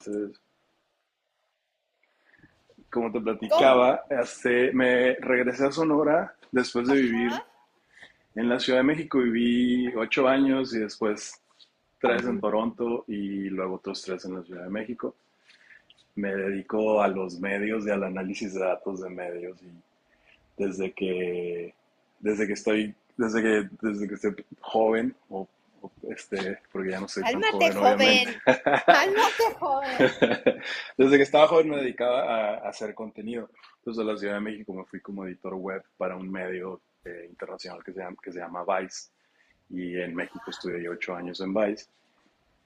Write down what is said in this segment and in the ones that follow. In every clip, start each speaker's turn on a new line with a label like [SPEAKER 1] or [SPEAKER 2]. [SPEAKER 1] Entonces, como te
[SPEAKER 2] ¿Cómo?
[SPEAKER 1] platicaba, me regresé a Sonora después de vivir en la Ciudad de México. Viví 8 años y después tres en Toronto y luego otros tres en la Ciudad de México. Me dedico a los medios y al análisis de datos de medios y desde que, desde que estoy joven, porque ya no soy tan
[SPEAKER 2] Cálmate,
[SPEAKER 1] joven, obviamente.
[SPEAKER 2] joven. Cálmate, joven.
[SPEAKER 1] Desde que estaba joven me dedicaba a hacer contenido. Entonces, a la Ciudad de México me fui como editor web para un medio internacional que se llama Vice. Y en México estudié 8 años en Vice.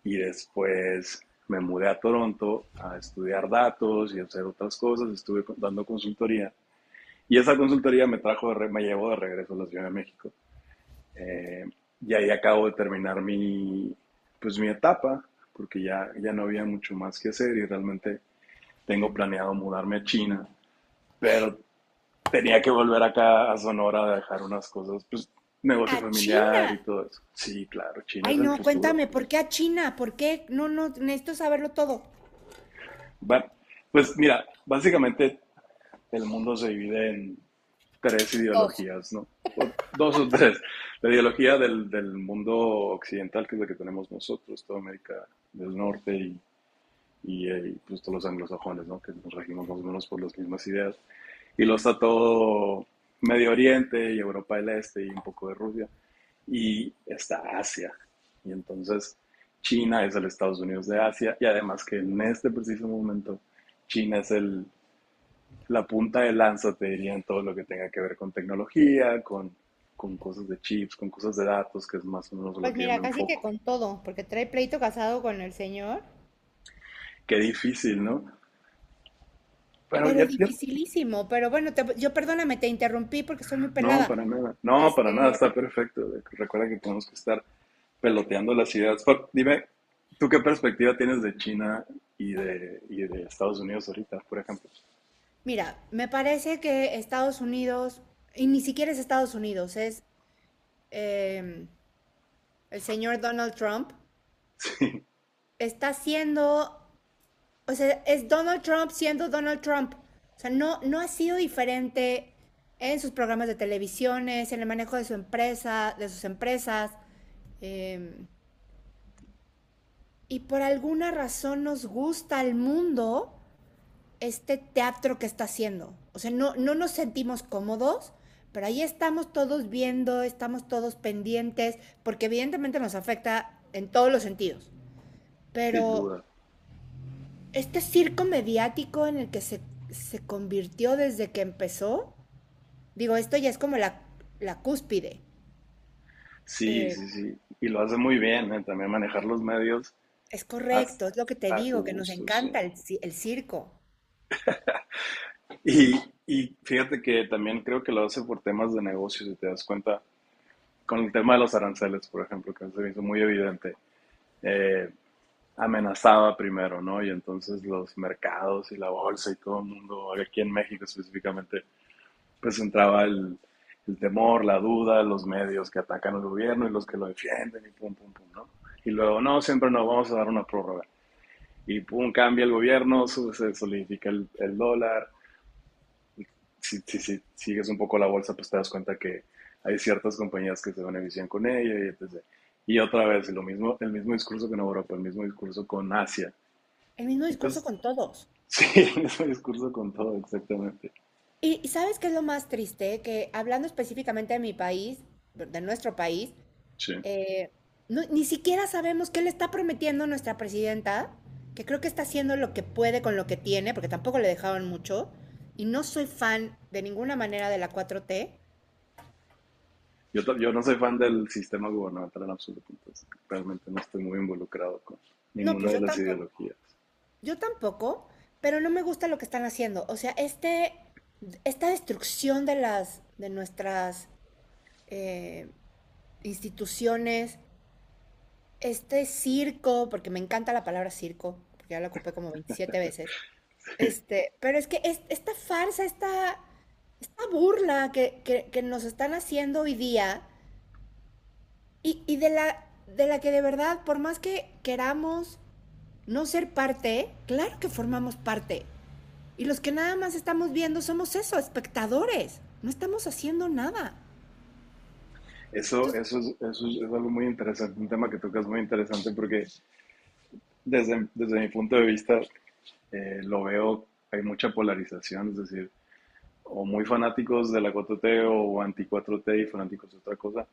[SPEAKER 1] Y después me mudé a Toronto a estudiar datos y hacer otras cosas. Estuve dando consultoría. Y esa consultoría me trajo, me llevó de regreso a la Ciudad de México. Eh, y ahí acabo de terminar pues mi etapa, porque ya no había mucho más que hacer y realmente tengo planeado mudarme a China, pero tenía que volver acá a Sonora a dejar unas cosas, pues negocio
[SPEAKER 2] A
[SPEAKER 1] familiar y
[SPEAKER 2] China.
[SPEAKER 1] todo eso. Sí, claro, China es
[SPEAKER 2] Ay,
[SPEAKER 1] el
[SPEAKER 2] no,
[SPEAKER 1] futuro.
[SPEAKER 2] cuéntame, ¿por qué a China? ¿Por qué? No, no, necesito saberlo todo.
[SPEAKER 1] Bueno, pues mira, básicamente el mundo se divide en tres
[SPEAKER 2] Dos.
[SPEAKER 1] ideologías, ¿no? O dos o tres. La ideología del mundo occidental, que es la que tenemos nosotros, toda América del Norte pues todos los anglosajones, ¿no? Que nos regimos más o menos por las mismas ideas. Y lo está todo Medio Oriente y Europa del Este y un poco de Rusia. Y está Asia. Y entonces China es el Estados Unidos de Asia. Y además que en este preciso momento China es la punta de lanza, te diría, en todo lo que tenga que ver con tecnología, con cosas de chips, con cosas de datos, que es más o menos lo
[SPEAKER 2] Pues
[SPEAKER 1] que yo me
[SPEAKER 2] mira, casi que
[SPEAKER 1] enfoco.
[SPEAKER 2] con todo, porque trae pleito casado con el señor,
[SPEAKER 1] Qué difícil, ¿no? Pero ya,
[SPEAKER 2] pero
[SPEAKER 1] ya.
[SPEAKER 2] dificilísimo. Pero bueno, yo perdóname, te interrumpí porque estoy muy
[SPEAKER 1] No,
[SPEAKER 2] pelada.
[SPEAKER 1] para nada. No, para nada,
[SPEAKER 2] Este,
[SPEAKER 1] está perfecto. Recuerda que tenemos que estar peloteando las ideas. Dime, ¿tú qué perspectiva tienes de China y de Estados Unidos ahorita, por ejemplo?
[SPEAKER 2] mira, me parece que Estados Unidos, y ni siquiera es Estados Unidos, es em, el señor Donald Trump, está haciendo, o sea, es Donald Trump siendo Donald Trump. O sea, no, no ha sido diferente en sus programas de televisiones, en el manejo de su empresa, de sus empresas. eh, y por alguna razón nos gusta al mundo este teatro que está haciendo. O sea, no, no nos sentimos cómodos, pero ahí estamos todos viendo, estamos todos pendientes, porque evidentemente nos afecta en todos los sentidos.
[SPEAKER 1] Sí, sin
[SPEAKER 2] Pero
[SPEAKER 1] duda.
[SPEAKER 2] este circo mediático en el que se convirtió desde que empezó, digo, esto ya es como la cúspide.
[SPEAKER 1] Sí,
[SPEAKER 2] Eh,
[SPEAKER 1] sí, sí. Y lo hace muy bien, ¿eh? También manejar los medios
[SPEAKER 2] es
[SPEAKER 1] a,
[SPEAKER 2] correcto, es lo que te
[SPEAKER 1] a su
[SPEAKER 2] digo, que nos
[SPEAKER 1] gusto, sí.
[SPEAKER 2] encanta el circo.
[SPEAKER 1] Y, y fíjate que también creo que lo hace por temas de negocio, si te das cuenta, con el tema de los aranceles, por ejemplo, que se me hizo muy evidente. Eh, Amenazaba primero, ¿no? Y entonces los mercados y la bolsa y todo el mundo, aquí en México específicamente, pues entraba el temor, la duda, los medios que atacan al gobierno y los que lo defienden y pum, pum, pum, ¿no? Y luego, no, siempre nos vamos a dar una prórroga. Y pum, cambia el gobierno, sube, se solidifica el dólar. Si sigues un poco la bolsa, pues te das cuenta que hay ciertas compañías que se benefician con ella y etcétera. Y otra vez, lo mismo, el mismo discurso con Europa, el mismo discurso con Asia.
[SPEAKER 2] El mismo discurso
[SPEAKER 1] Entonces,
[SPEAKER 2] con todos.
[SPEAKER 1] Sí, el mismo discurso con todo, exactamente.
[SPEAKER 2] ¿Sabes qué es lo más triste? Que hablando específicamente de mi país, de nuestro país.
[SPEAKER 1] Sí.
[SPEAKER 2] Eh, Ni siquiera sabemos qué le está prometiendo nuestra presidenta, que creo que está haciendo lo que puede con lo que tiene, porque tampoco le dejaron mucho. Y no soy fan de ninguna manera de la 4T.
[SPEAKER 1] Yo no soy fan del sistema gubernamental en absoluto, entonces realmente no estoy muy involucrado con
[SPEAKER 2] No,
[SPEAKER 1] ninguna
[SPEAKER 2] pues
[SPEAKER 1] de
[SPEAKER 2] yo
[SPEAKER 1] las
[SPEAKER 2] tampoco.
[SPEAKER 1] ideologías.
[SPEAKER 2] Yo tampoco, pero no me gusta lo que están haciendo. O sea, este, esta destrucción de nuestras eh, instituciones, este circo, porque me encanta la palabra circo, porque ya la ocupé como 27 veces. Este, pero es que esta farsa, esta burla que nos están haciendo hoy día y de la que, de verdad, por más que queramos no ser parte, claro que formamos parte. Y los que nada más estamos viendo somos eso, espectadores. No estamos haciendo nada.
[SPEAKER 1] Eso,
[SPEAKER 2] Entonces,
[SPEAKER 1] eso, es, eso es, es algo muy interesante, un tema que tocas muy interesante porque desde mi punto de vista lo veo, hay mucha polarización, es decir, o muy fanáticos de la cuatro t o anti cuatro t y fanáticos de otra cosa,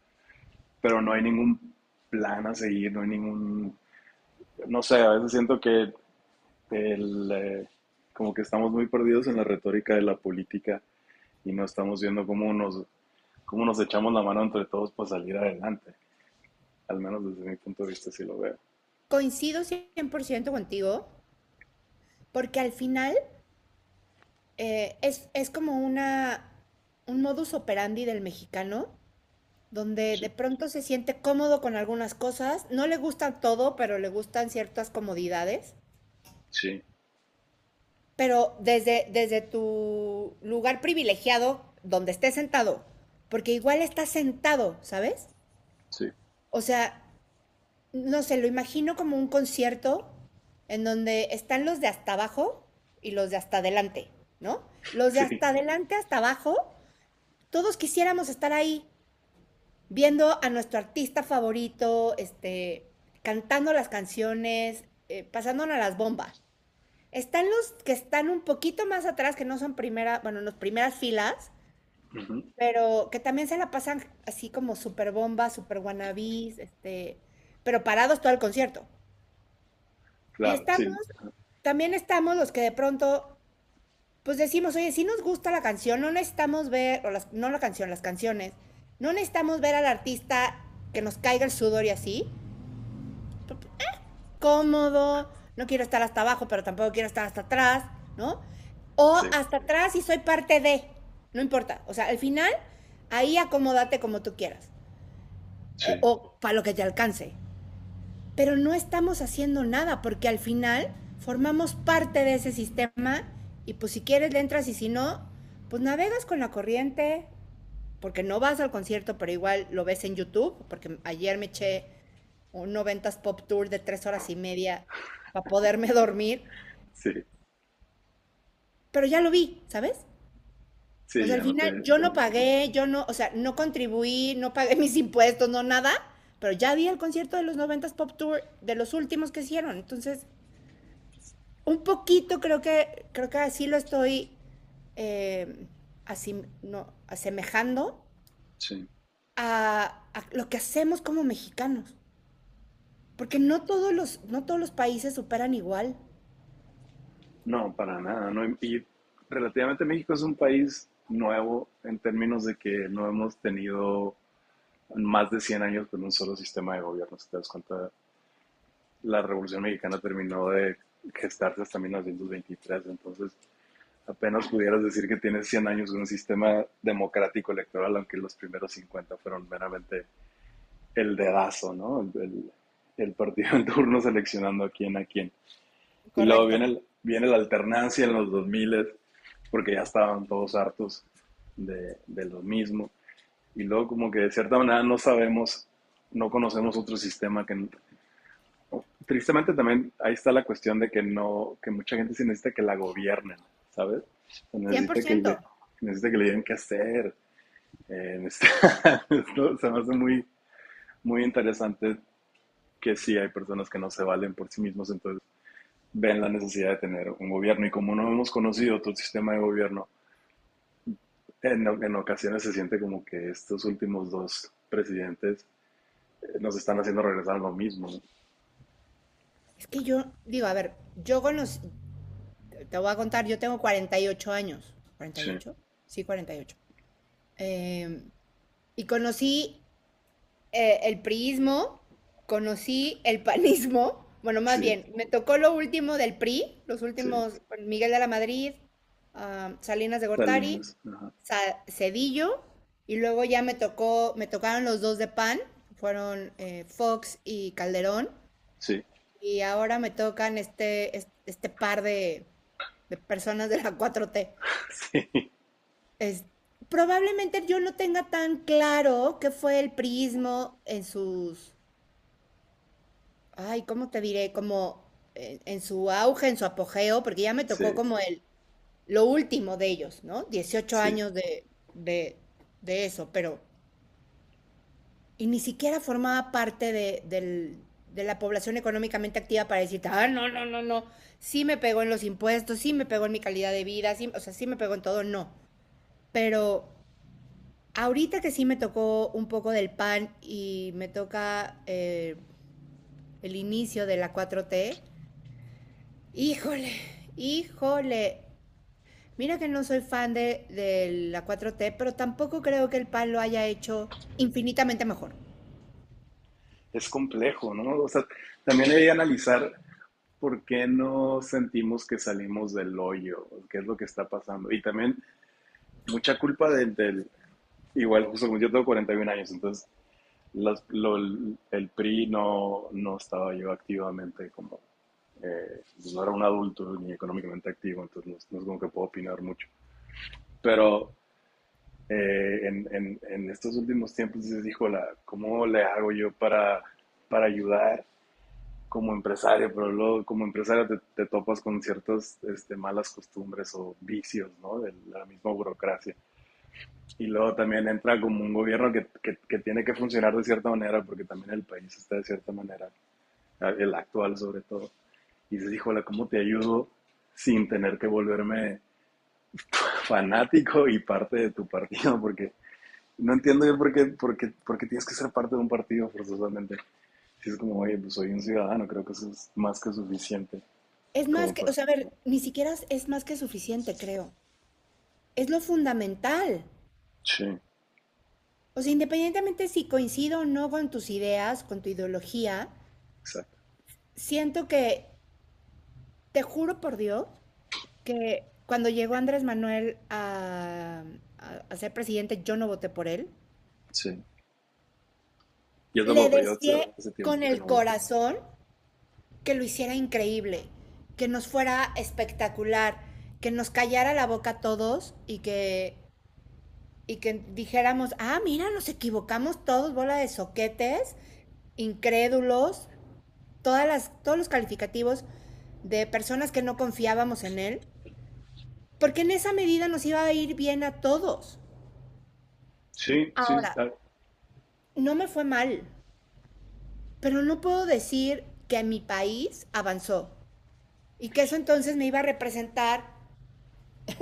[SPEAKER 1] pero no hay ningún plan a seguir, no sé, a veces siento que el, eh, como que estamos muy perdidos en la retórica de la política y no estamos viendo cómo nos echamos la mano entre todos para salir adelante. Al menos desde mi punto de vista sí lo veo.
[SPEAKER 2] coincido 100% contigo, porque al final es como un modus operandi del mexicano, donde
[SPEAKER 1] Sí,
[SPEAKER 2] de pronto se siente cómodo con algunas cosas, no le gusta todo, pero le gustan ciertas comodidades,
[SPEAKER 1] sí,
[SPEAKER 2] pero desde tu lugar privilegiado, donde estés sentado, porque igual estás sentado, ¿sabes?
[SPEAKER 1] sí,
[SPEAKER 2] O sea, no sé, lo imagino como un concierto en donde están los de hasta abajo y los de hasta adelante, ¿no? Los de
[SPEAKER 1] sí.
[SPEAKER 2] hasta adelante, hasta abajo, todos quisiéramos estar ahí, viendo a nuestro artista favorito, este, cantando las canciones, pasándonos las bombas. Están los que están un poquito más atrás, que no son primera, bueno, las primeras filas,
[SPEAKER 1] Ujú.
[SPEAKER 2] pero que también se la pasan así como super bomba, super wannabis, este, pero parados todo el concierto. Y
[SPEAKER 1] Claro,
[SPEAKER 2] estamos,
[SPEAKER 1] sí,
[SPEAKER 2] también estamos los que de pronto, pues decimos, oye, si nos gusta la canción, no necesitamos ver, o las, no la canción, las canciones, no necesitamos ver al artista, que nos caiga el sudor y así, cómodo, no quiero estar hasta abajo, pero tampoco quiero estar hasta atrás, ¿no? O
[SPEAKER 1] sí,
[SPEAKER 2] hasta atrás, y soy parte de, no importa. O sea, al final, ahí acomódate como tú quieras,
[SPEAKER 1] sí,
[SPEAKER 2] o para lo que te alcance. Pero no estamos haciendo nada, porque al final formamos parte de ese sistema, y pues si quieres le entras y si no, pues navegas con la corriente, porque no vas al concierto, pero igual lo ves en YouTube, porque ayer me eché un noventas pop tour de 3 horas y media para poderme dormir,
[SPEAKER 1] sí,
[SPEAKER 2] pero ya lo vi, ¿sabes? O
[SPEAKER 1] sí,
[SPEAKER 2] sea, al
[SPEAKER 1] ya no te.
[SPEAKER 2] final yo no
[SPEAKER 1] Ajá,
[SPEAKER 2] pagué, yo no, o sea, no contribuí, no pagué mis impuestos, no nada, pero ya vi el concierto de los noventas pop tour de los últimos que hicieron, entonces un poquito creo que así lo estoy, eh, así, no, asemejando
[SPEAKER 1] sí.
[SPEAKER 2] a lo que hacemos como mexicanos. Porque no todos los países superan igual.
[SPEAKER 1] No, para nada. No, y relativamente México es un país nuevo en términos de que no hemos tenido más de 100 años con un solo sistema de gobierno. Si te das cuenta, la Revolución Mexicana terminó de gestarse hasta 1923, entonces apenas pudieras decir que tienes 100 años de un sistema democrático electoral, aunque los primeros 50 fueron meramente el dedazo, ¿no? El partido en turno seleccionando a quién a quién. Y luego
[SPEAKER 2] Correcto.
[SPEAKER 1] viene la alternancia en los 2000, porque ya estaban todos hartos de lo mismo. Y luego como que de cierta manera no sabemos, no conocemos otro sistema que tristemente también ahí está la cuestión de que no, que mucha gente sí necesita que la gobiernen, ¿sabes? O
[SPEAKER 2] cien por ciento
[SPEAKER 1] necesita que le digan qué hacer. Esto se me hace muy, muy interesante que sí hay personas que no se valen por sí mismos, entonces ven la necesidad de tener un gobierno. Y como no hemos conocido todo el sistema de gobierno, en ocasiones se siente como que estos últimos dos presidentes nos están haciendo regresar a lo mismo, ¿no?
[SPEAKER 2] Es que yo, digo, a ver, yo con los, te voy a contar, yo tengo 48 años. cuarenta y
[SPEAKER 1] Sí,
[SPEAKER 2] ocho, sí, 48. Eh, y conocí el priismo, conocí el panismo. Bueno, más
[SPEAKER 1] sí,
[SPEAKER 2] bien, me tocó lo último del PRI, los
[SPEAKER 1] sí.
[SPEAKER 2] últimos, con Miguel de la Madrid, ah, Salinas de Gortari,
[SPEAKER 1] Salinas, ajá.
[SPEAKER 2] Cedillo, y luego ya me tocaron los dos de PAN, fueron Fox y Calderón.
[SPEAKER 1] Sí.
[SPEAKER 2] Y ahora me tocan este, este par de personas de la cuatro t.
[SPEAKER 1] Sí,
[SPEAKER 2] Es- Probablemente yo no tenga tan claro qué fue el prismo en sus, ay, ¿cómo te diré? Como en su auge, en su apogeo, porque ya me tocó
[SPEAKER 1] sí,
[SPEAKER 2] como lo último de ellos, ¿no? dieciocho
[SPEAKER 1] sí.
[SPEAKER 2] años de, de eso, pero y ni siquiera formaba parte de la población económicamente activa para decirte, ah, no, no, no, no, sí me pegó en los impuestos, sí me pegó en mi calidad de vida, sí, o sea, sí me pegó en todo, no. Pero ahorita que sí me tocó un poco del pan y me toca el inicio de la 4T, híjole, híjole. Mira que no soy fan de la 4T, pero tampoco creo que el pan lo haya hecho infinitamente mejor.
[SPEAKER 1] Es complejo, ¿no? O sea, también hay que analizar por qué no sentimos que salimos del hoyo, qué es lo que está pasando. Y también mucha culpa del igual, justo como yo tengo 41 años, entonces el PRI no estaba yo activamente como, pues no era un adulto ni económicamente activo, entonces no, no es como que puedo opinar mucho. Pero en estos últimos tiempos dices, híjola, ¿cómo le hago yo para, ayudar como empresario? Pero luego como empresario te topas con ciertas malas costumbres o vicios, ¿no? De la misma burocracia. Y luego también entra como un gobierno que tiene que funcionar de cierta manera, porque también el país está de cierta manera, el actual sobre todo. Y dices, híjola, ¿cómo te ayudo sin tener que volverme fanático y parte de tu partido? Porque no entiendo yo por qué tienes que ser parte de un partido forzosamente. Si es como, oye, pues soy un ciudadano, creo que eso es más que suficiente
[SPEAKER 2] Es más
[SPEAKER 1] como
[SPEAKER 2] que, o
[SPEAKER 1] para,
[SPEAKER 2] sea, a
[SPEAKER 1] ¿no?
[SPEAKER 2] ver, ni siquiera es más que suficiente, creo. Es lo fundamental.
[SPEAKER 1] Sí,
[SPEAKER 2] O sea, independientemente si coincido o no con tus ideas, con tu ideología,
[SPEAKER 1] exacto,
[SPEAKER 2] siento que, te juro por Dios, que cuando llegó Andrés Manuel a ser presidente, yo no voté por él.
[SPEAKER 1] sí. Yo
[SPEAKER 2] Le
[SPEAKER 1] tampoco, yo
[SPEAKER 2] deseé
[SPEAKER 1] hace
[SPEAKER 2] con
[SPEAKER 1] tiempo que
[SPEAKER 2] el
[SPEAKER 1] no voto.
[SPEAKER 2] corazón que lo hiciera increíble, que nos fuera espectacular, que nos callara la boca a todos y que dijéramos, ah, mira, nos equivocamos todos, bola de soquetes, incrédulos, todos los calificativos de personas que no confiábamos en él, porque en esa medida nos iba a ir bien a todos.
[SPEAKER 1] Sí, sí,
[SPEAKER 2] Ahora, no me fue mal, pero no puedo decir que mi país avanzó y que eso entonces me iba a representar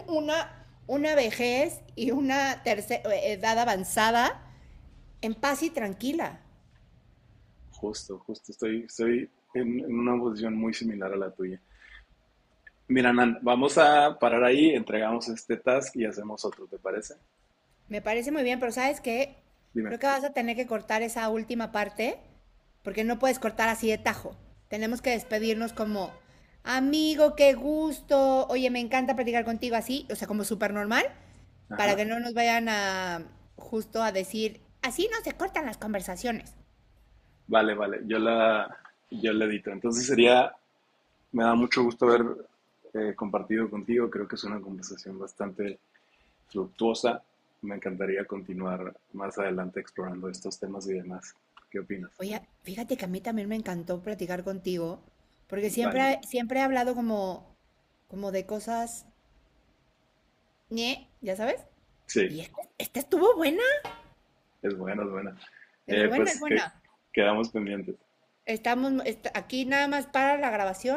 [SPEAKER 2] una vejez y una tercera edad avanzada en paz y tranquila.
[SPEAKER 1] justo, estoy en una posición muy similar a la tuya. Mira, Nan, vamos a parar ahí, entregamos este task y hacemos otro, ¿te parece?
[SPEAKER 2] Me parece muy bien, pero ¿sabes qué?
[SPEAKER 1] Dime.
[SPEAKER 2] Creo que vas a tener que cortar esa última parte, porque no puedes cortar así de tajo. Tenemos que despedirnos como, amigo, qué gusto, oye, me encanta platicar contigo así, o sea, como súper normal, para
[SPEAKER 1] Ajá.
[SPEAKER 2] que no nos vayan a justo a decir, así no se cortan las conversaciones.
[SPEAKER 1] Vale, vale, yo la edito. Entonces sería. Me da mucho gusto haber compartido contigo. Creo que es una conversación bastante fructuosa. Me encantaría continuar más adelante explorando estos temas y demás. ¿Qué opinas?
[SPEAKER 2] Oye, fíjate que a mí también me encantó platicar contigo, porque
[SPEAKER 1] Vale,
[SPEAKER 2] siempre, siempre he hablado como, como de cosas, ñe, ya sabes, y
[SPEAKER 1] sí,
[SPEAKER 2] esta estuvo buena,
[SPEAKER 1] es buena, es buena.
[SPEAKER 2] es buena, es
[SPEAKER 1] Pues que
[SPEAKER 2] buena.
[SPEAKER 1] quedamos pendientes.
[SPEAKER 2] Estamos aquí nada más para la grabación